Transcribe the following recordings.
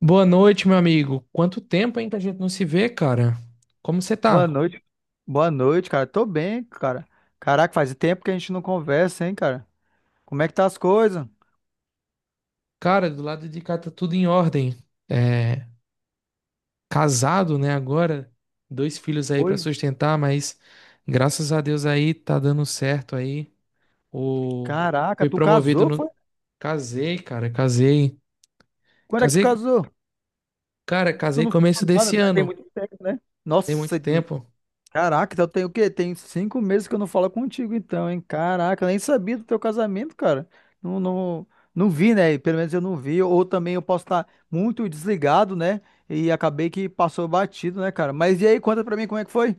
Boa noite, meu amigo. Quanto tempo, hein, que a gente não se vê, cara? Como você Boa tá? noite. Boa noite, cara. Tô bem, cara. Caraca, faz tempo que a gente não conversa, hein, cara? Como é que tá as coisas? Cara, do lado de cá tá tudo em ordem. É, casado, né, agora, dois filhos aí pra Oi. sustentar, mas graças a Deus aí tá dando certo aí. O Caraca, fui tu promovido casou, no foi? Casei, cara, casei. Quando é que tu Casei, casou? cara, Tu casei não ficou começo desse falando, né? Tem ano. muito tempo, né? Tem Nossa, muito tempo. caraca, então tem o quê? Tem cinco meses que eu não falo contigo, então, hein? Caraca, eu nem sabia do teu casamento, cara. Não, não, não vi, né? Pelo menos eu não vi. Ou também eu posso estar muito desligado, né? E acabei que passou batido, né, cara? Mas e aí, conta pra mim como é que foi?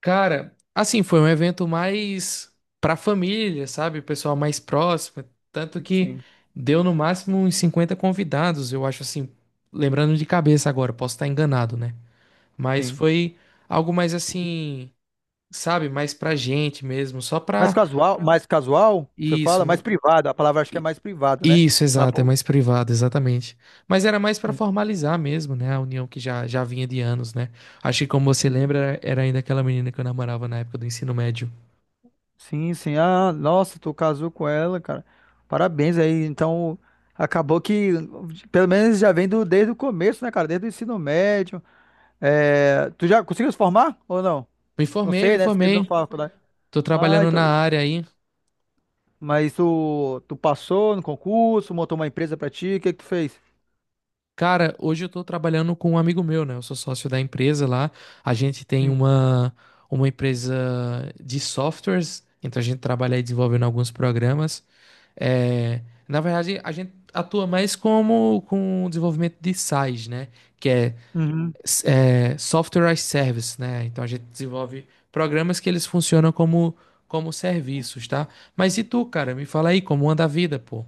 Cara, assim, foi um evento mais pra família, sabe? O pessoal mais próximo. Tanto que Sim, deu no máximo uns 50 convidados, eu acho assim. Lembrando de cabeça agora, posso estar enganado, né? Mas sim. foi algo mais assim, sabe? Mais pra gente mesmo, só pra. Mais casual, você Isso, fala, mais privado. A palavra acho que é i- mais privado, né? isso, Pra... exato, é mais privado, exatamente. Mas era mais pra Hum. formalizar mesmo, né? A união que já vinha de anos, né? Acho que, como você Sim, lembra, era ainda aquela menina que eu namorava na época do ensino médio. sim, sim. Ah, nossa, tu casou com ela, cara. Parabéns aí. Então, acabou que, pelo menos já vem do, desde o começo, né, cara? Desde o ensino médio. É, tu já conseguiu se formar ou não? Me Não formei, sei, me né? Você terminou a formei. faculdade. Tô Ah, trabalhando na então... área aí. Mas tu passou no concurso, montou uma empresa pra ti, o que que tu fez? Cara, hoje eu tô trabalhando com um amigo meu, né? Eu sou sócio da empresa lá. A gente tem Sim. uma empresa de softwares, então a gente trabalha aí desenvolvendo alguns programas. É, na verdade, a gente atua mais como com o desenvolvimento de SaaS, né? Que é, Uhum. é Software as Service, né? Então a gente desenvolve programas que eles funcionam como serviços, tá? Mas e tu, cara? Me fala aí, como anda a vida, pô?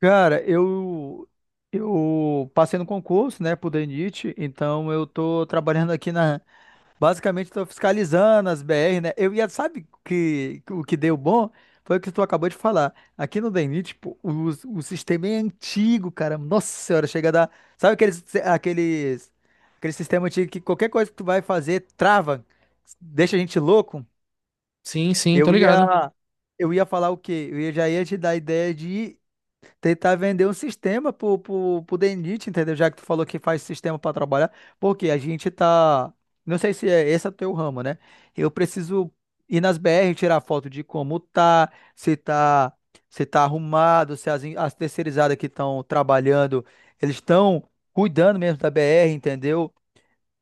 Cara, eu passei no concurso, né, pro DENIT, então eu tô trabalhando aqui na, basicamente tô fiscalizando as BR, né? Eu ia, sabe que o que deu bom foi o que tu acabou de falar. Aqui no DENIT, pô, o sistema é antigo, cara. Nossa Senhora, chega a dar, sabe aqueles aquele sistema antigo que qualquer coisa que tu vai fazer trava, deixa a gente louco? Sim, sim, tô Eu ligado. ia eu ia falar o quê? Já ia te dar a ideia de tentar vender um sistema pro DNIT, entendeu? Já que tu falou que faz sistema para trabalhar, porque a gente tá. Não sei se é esse é o teu ramo, né? Eu preciso ir nas BR, tirar foto de como tá, se tá, se tá arrumado, se as, as terceirizadas que estão trabalhando, eles estão cuidando mesmo da BR, entendeu?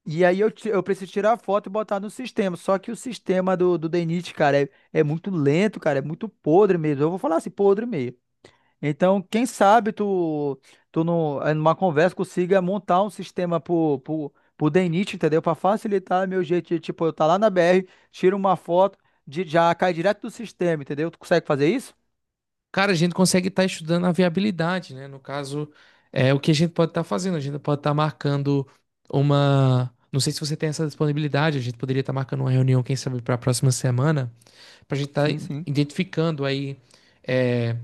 E aí eu preciso tirar a foto e botar no sistema. Só que o sistema do, do DNIT, cara, é, é muito lento, cara, é muito podre mesmo. Eu vou falar assim, podre mesmo. Então, quem sabe tu, tu no, numa conversa consiga montar um sistema pro DNIT, entendeu? Para facilitar meu jeito de, tipo, eu tá lá na BR, tiro uma foto, de, já cai direto do sistema, entendeu? Tu consegue fazer isso? Cara, a gente consegue estar estudando a viabilidade, né? No caso, é o que a gente pode estar fazendo. A gente pode estar marcando uma. Não sei se você tem essa disponibilidade, a gente poderia estar marcando uma reunião, quem sabe, para a próxima semana, para a gente estar Sim, sim. identificando aí é,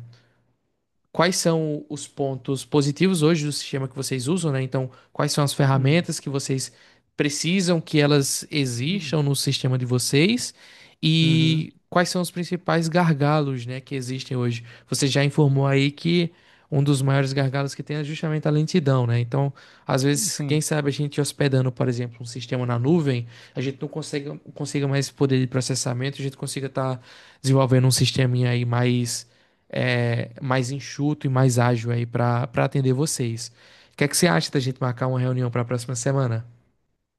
quais são os pontos positivos hoje do sistema que vocês usam, né? Então, quais são as Hum, ferramentas que vocês precisam que elas hum, existam no sistema de vocês uhum, e quais são os principais gargalos, né, que existem hoje. Você já informou hum. aí que um dos maiores gargalos que tem é justamente a lentidão, né? Então, às vezes, quem Sim. sabe a gente hospedando, por exemplo, um sistema na nuvem, a gente não consegue, consiga mais poder de processamento, a gente consiga estar desenvolvendo um sistema aí mais mais enxuto e mais ágil aí para atender vocês. O que é que você acha da gente marcar uma reunião para a próxima semana?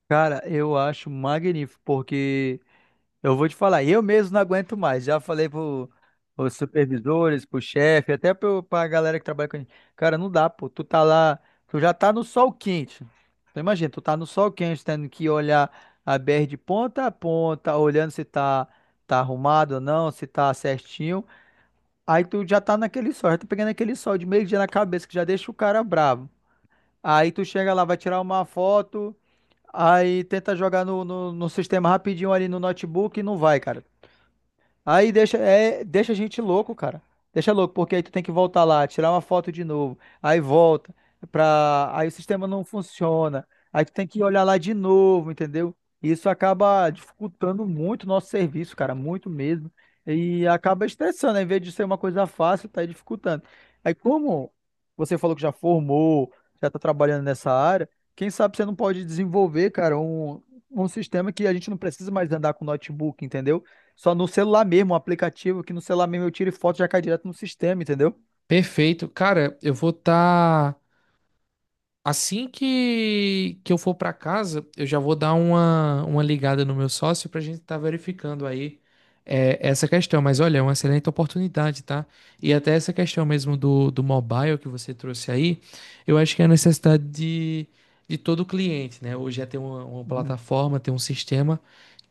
Cara, eu acho magnífico, porque eu vou te falar, eu mesmo não aguento mais. Já falei pro os supervisores, pro chefe, até pro, pra galera que trabalha com a gente. Cara, não dá, pô. Tu tá lá, tu já tá no sol quente. Tu imagina, tu tá no sol quente, tendo que olhar a BR de ponta a ponta, olhando se tá, tá arrumado ou não, se tá certinho. Aí tu já tá naquele sol, já tá pegando aquele sol de meio-dia na cabeça, que já deixa o cara bravo. Aí tu chega lá, vai tirar uma foto, aí tenta jogar no, no, no sistema rapidinho ali no notebook e não vai, cara. Aí deixa, deixa a gente louco, cara. Deixa louco, porque aí tu tem que voltar lá, tirar uma foto de novo. Aí volta pra. Aí o sistema não funciona. Aí tu tem que olhar lá de novo, entendeu? Isso acaba dificultando muito o nosso serviço, cara, muito mesmo. E acaba estressando, em vez de ser uma coisa fácil, tá aí dificultando. Aí como você falou que já formou, já tá trabalhando nessa área, quem sabe você não pode desenvolver, cara, um sistema que a gente não precisa mais andar com notebook, entendeu? Só no celular mesmo, um aplicativo que no celular mesmo eu tiro e foto e já cai direto no sistema, entendeu? Perfeito. Cara, eu vou estar Tá... assim que eu for para casa, eu já vou dar uma ligada no meu sócio para a gente estar verificando aí essa questão. Mas olha, é uma excelente oportunidade, tá? E até essa questão mesmo do mobile que você trouxe aí, eu acho que é a necessidade de todo cliente, né? Hoje já tem uma Uhum, plataforma, tem um sistema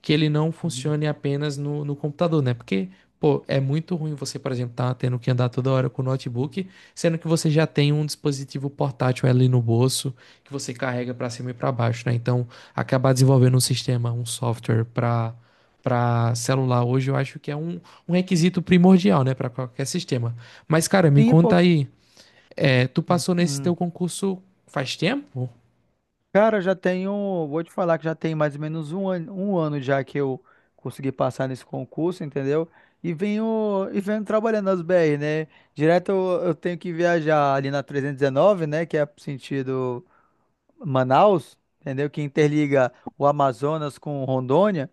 que ele não uhum. funcione apenas no computador, né? Porque, pô, é muito ruim você, por exemplo, estar tendo que andar toda hora com o notebook sendo que você já tem um dispositivo portátil ali no bolso que você carrega para cima e para baixo, né? Então, acabar desenvolvendo um sistema, um software para celular hoje, eu acho que é um requisito primordial, né, para qualquer sistema. Mas, cara, me Sim, conta pô. aí, tu passou nesse Hum. teu concurso faz tempo? Cara, já tenho. Vou te falar que já tem mais ou menos um ano já que eu consegui passar nesse concurso, entendeu? E venho trabalhando nas BR, né? Direto eu tenho que viajar ali na 319, né? Que é sentido Manaus, entendeu? Que interliga o Amazonas com Rondônia.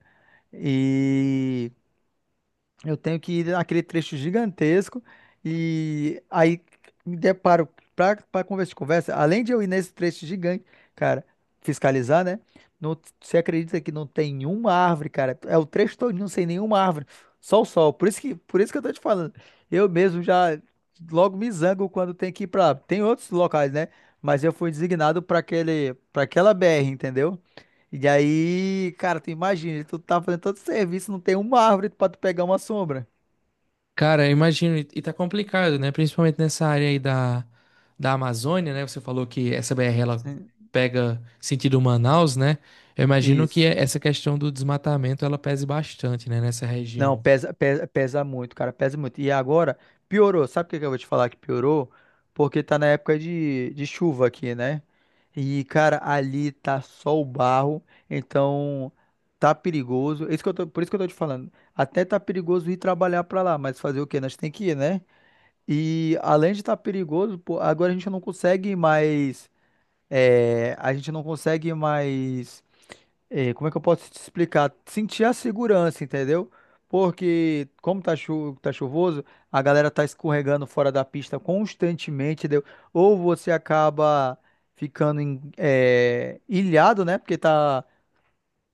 E eu tenho que ir naquele trecho gigantesco e aí me deparo para conversa de conversa. Além de eu ir nesse trecho gigante, cara, fiscalizar, né? Não, você acredita que não tem uma árvore, cara? É o trecho todinho sem nenhuma árvore, só o sol. Por isso que eu tô te falando. Eu mesmo já logo me zango quando tem que ir para. Tem outros locais, né? Mas eu fui designado para aquele, para aquela BR, entendeu? E aí, cara, tu imagina, tu tá fazendo todo serviço, não tem uma árvore pra tu pegar uma sombra. Cara, eu imagino, e tá complicado, né? Principalmente nessa área aí da Amazônia, né? Você falou que essa BR ela Sim. pega sentido Manaus, né? Eu imagino que Isso. essa questão do desmatamento ela pese bastante, né? Nessa Não, região. pesa, pesa, pesa muito, cara, pesa muito. E agora, piorou. Sabe o que que eu vou te falar que piorou? Porque tá na época de chuva aqui, né? E, cara, ali tá só o barro, então tá perigoso. Isso que eu tô, por isso que eu tô te falando. Até tá perigoso ir trabalhar pra lá, mas fazer o quê? Nós tem que ir, né? E além de estar perigoso, pô, agora a gente não consegue mais. A gente não consegue mais, como é que eu posso te explicar? Sentir a segurança, entendeu? Porque como tá, chu tá chuvoso, a galera tá escorregando fora da pista constantemente, entendeu? Ou você acaba ficando ilhado, né? Porque tá,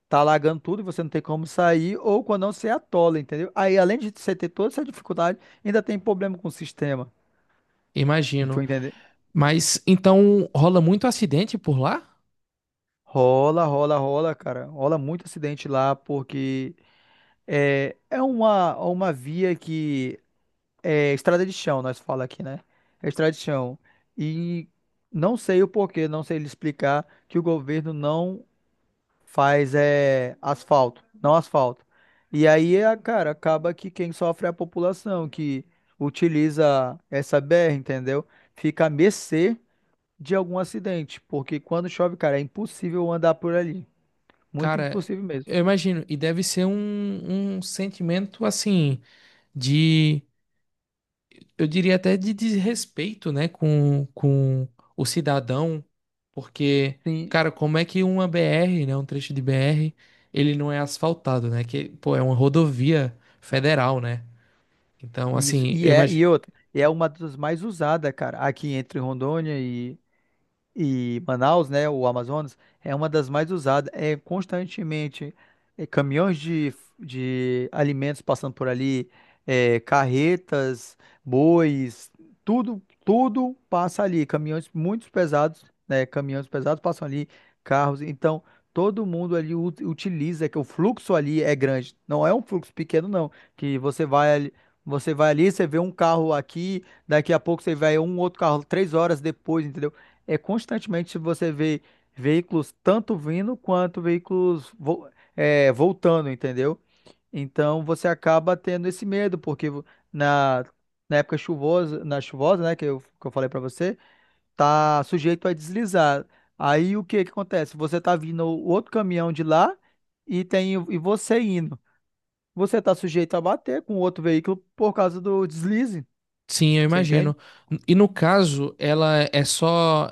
tá alagando tudo e você não tem como sair, ou quando não, você atola, entendeu? Aí, além de você ter toda essa dificuldade, ainda tem problema com o sistema, tu Imagino. entendeu? Mas então rola muito acidente por lá? Rola, rola, rola, cara. Rola muito acidente lá, porque é, é uma via que é estrada de chão, nós fala aqui, né? É estrada de chão. E não sei o porquê, não sei lhe explicar que o governo não faz asfalto, não asfalto. E aí, cara, acaba que quem sofre é a população que utiliza essa BR, entendeu? Fica à mercê de algum acidente, porque quando chove, cara, é impossível andar por ali. Muito Cara, impossível mesmo. eu imagino, e deve ser um sentimento assim de, eu diria até de desrespeito, né, com o cidadão, porque, Sim. cara, como é que uma BR, né, um trecho de BR, ele não é asfaltado, né, que, pô, é uma rodovia federal, né, então, Isso, assim, e eu é, imagino, e outra, é uma das mais usadas, cara, aqui entre Rondônia e Manaus, né, o Amazonas, é uma das mais usadas. É constantemente caminhões de alimentos passando por ali, é, carretas, bois, tudo, tudo passa ali. Caminhões muito pesados, né, caminhões pesados passam ali, carros. Então, todo mundo ali utiliza, que o fluxo ali é grande. Não é um fluxo pequeno, não, que você vai ali. Você vai ali, você vê um carro aqui, daqui a pouco você vê um outro carro três horas depois, entendeu? É constantemente você vê veículos tanto vindo quanto veículos voltando, entendeu? Então você acaba tendo esse medo, porque na, na época chuvosa, na chuvosa, né, que eu falei pra você, tá sujeito a deslizar. Aí o que que acontece? Você tá vindo o outro caminhão de lá e tem e você indo. Você tá sujeito a bater com outro veículo por causa do deslize, sim, eu você imagino, entende? e no caso, ela é só,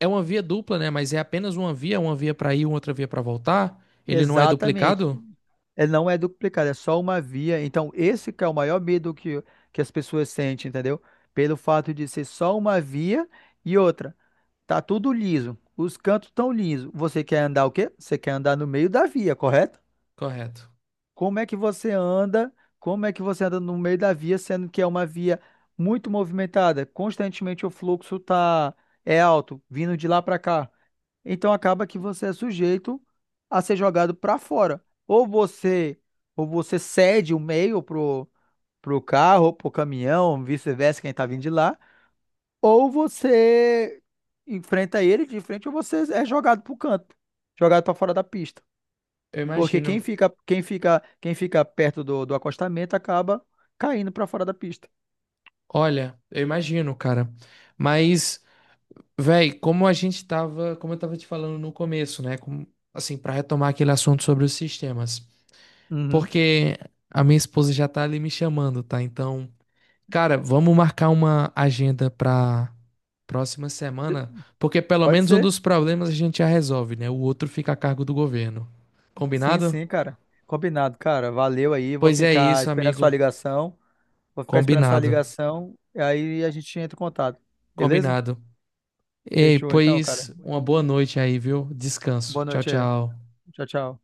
é uma via dupla, né, mas é apenas uma via para ir, outra via para voltar, ele não é Exatamente. duplicado? É, não é duplicado, é só uma via. Então, esse que é o maior medo que as pessoas sentem, entendeu? Pelo fato de ser só uma via e outra, tá tudo liso. Os cantos estão lisos. Você quer andar o quê? Você quer andar no meio da via, correto? Correto. Como é que você anda? Como é que você anda no meio da via, sendo que é uma via muito movimentada? Constantemente o fluxo tá alto, vindo de lá para cá. Então acaba que você é sujeito a ser jogado para fora. Ou você cede o meio pro pro carro, pro caminhão, vice-versa, quem tá vindo de lá, ou você enfrenta ele de frente ou você é jogado pro canto, jogado para fora da pista. Eu Porque imagino. Quem fica perto do, do acostamento acaba caindo para fora da pista. Olha, eu imagino, cara. Mas, véi, como a gente tava, como eu tava te falando no começo, né? Como, assim, pra retomar aquele assunto sobre os sistemas. Uhum. Porque a minha esposa já tá ali me chamando, tá? Então, cara, vamos marcar uma agenda pra próxima semana, porque pelo Pode menos um ser? dos problemas a gente já resolve, né? O outro fica a cargo do governo. Sim, Combinado? sim, cara. Combinado, cara. Valeu aí. Vou Pois é ficar isso, esperando sua amigo. ligação. Vou ficar esperando sua Combinado. ligação. Aí a gente entra em contato. Beleza? Combinado. Ei, Fechou então, cara. pois uma boa noite aí, viu? Descanso. Boa Tchau, noite aí. tchau. Tchau, tchau.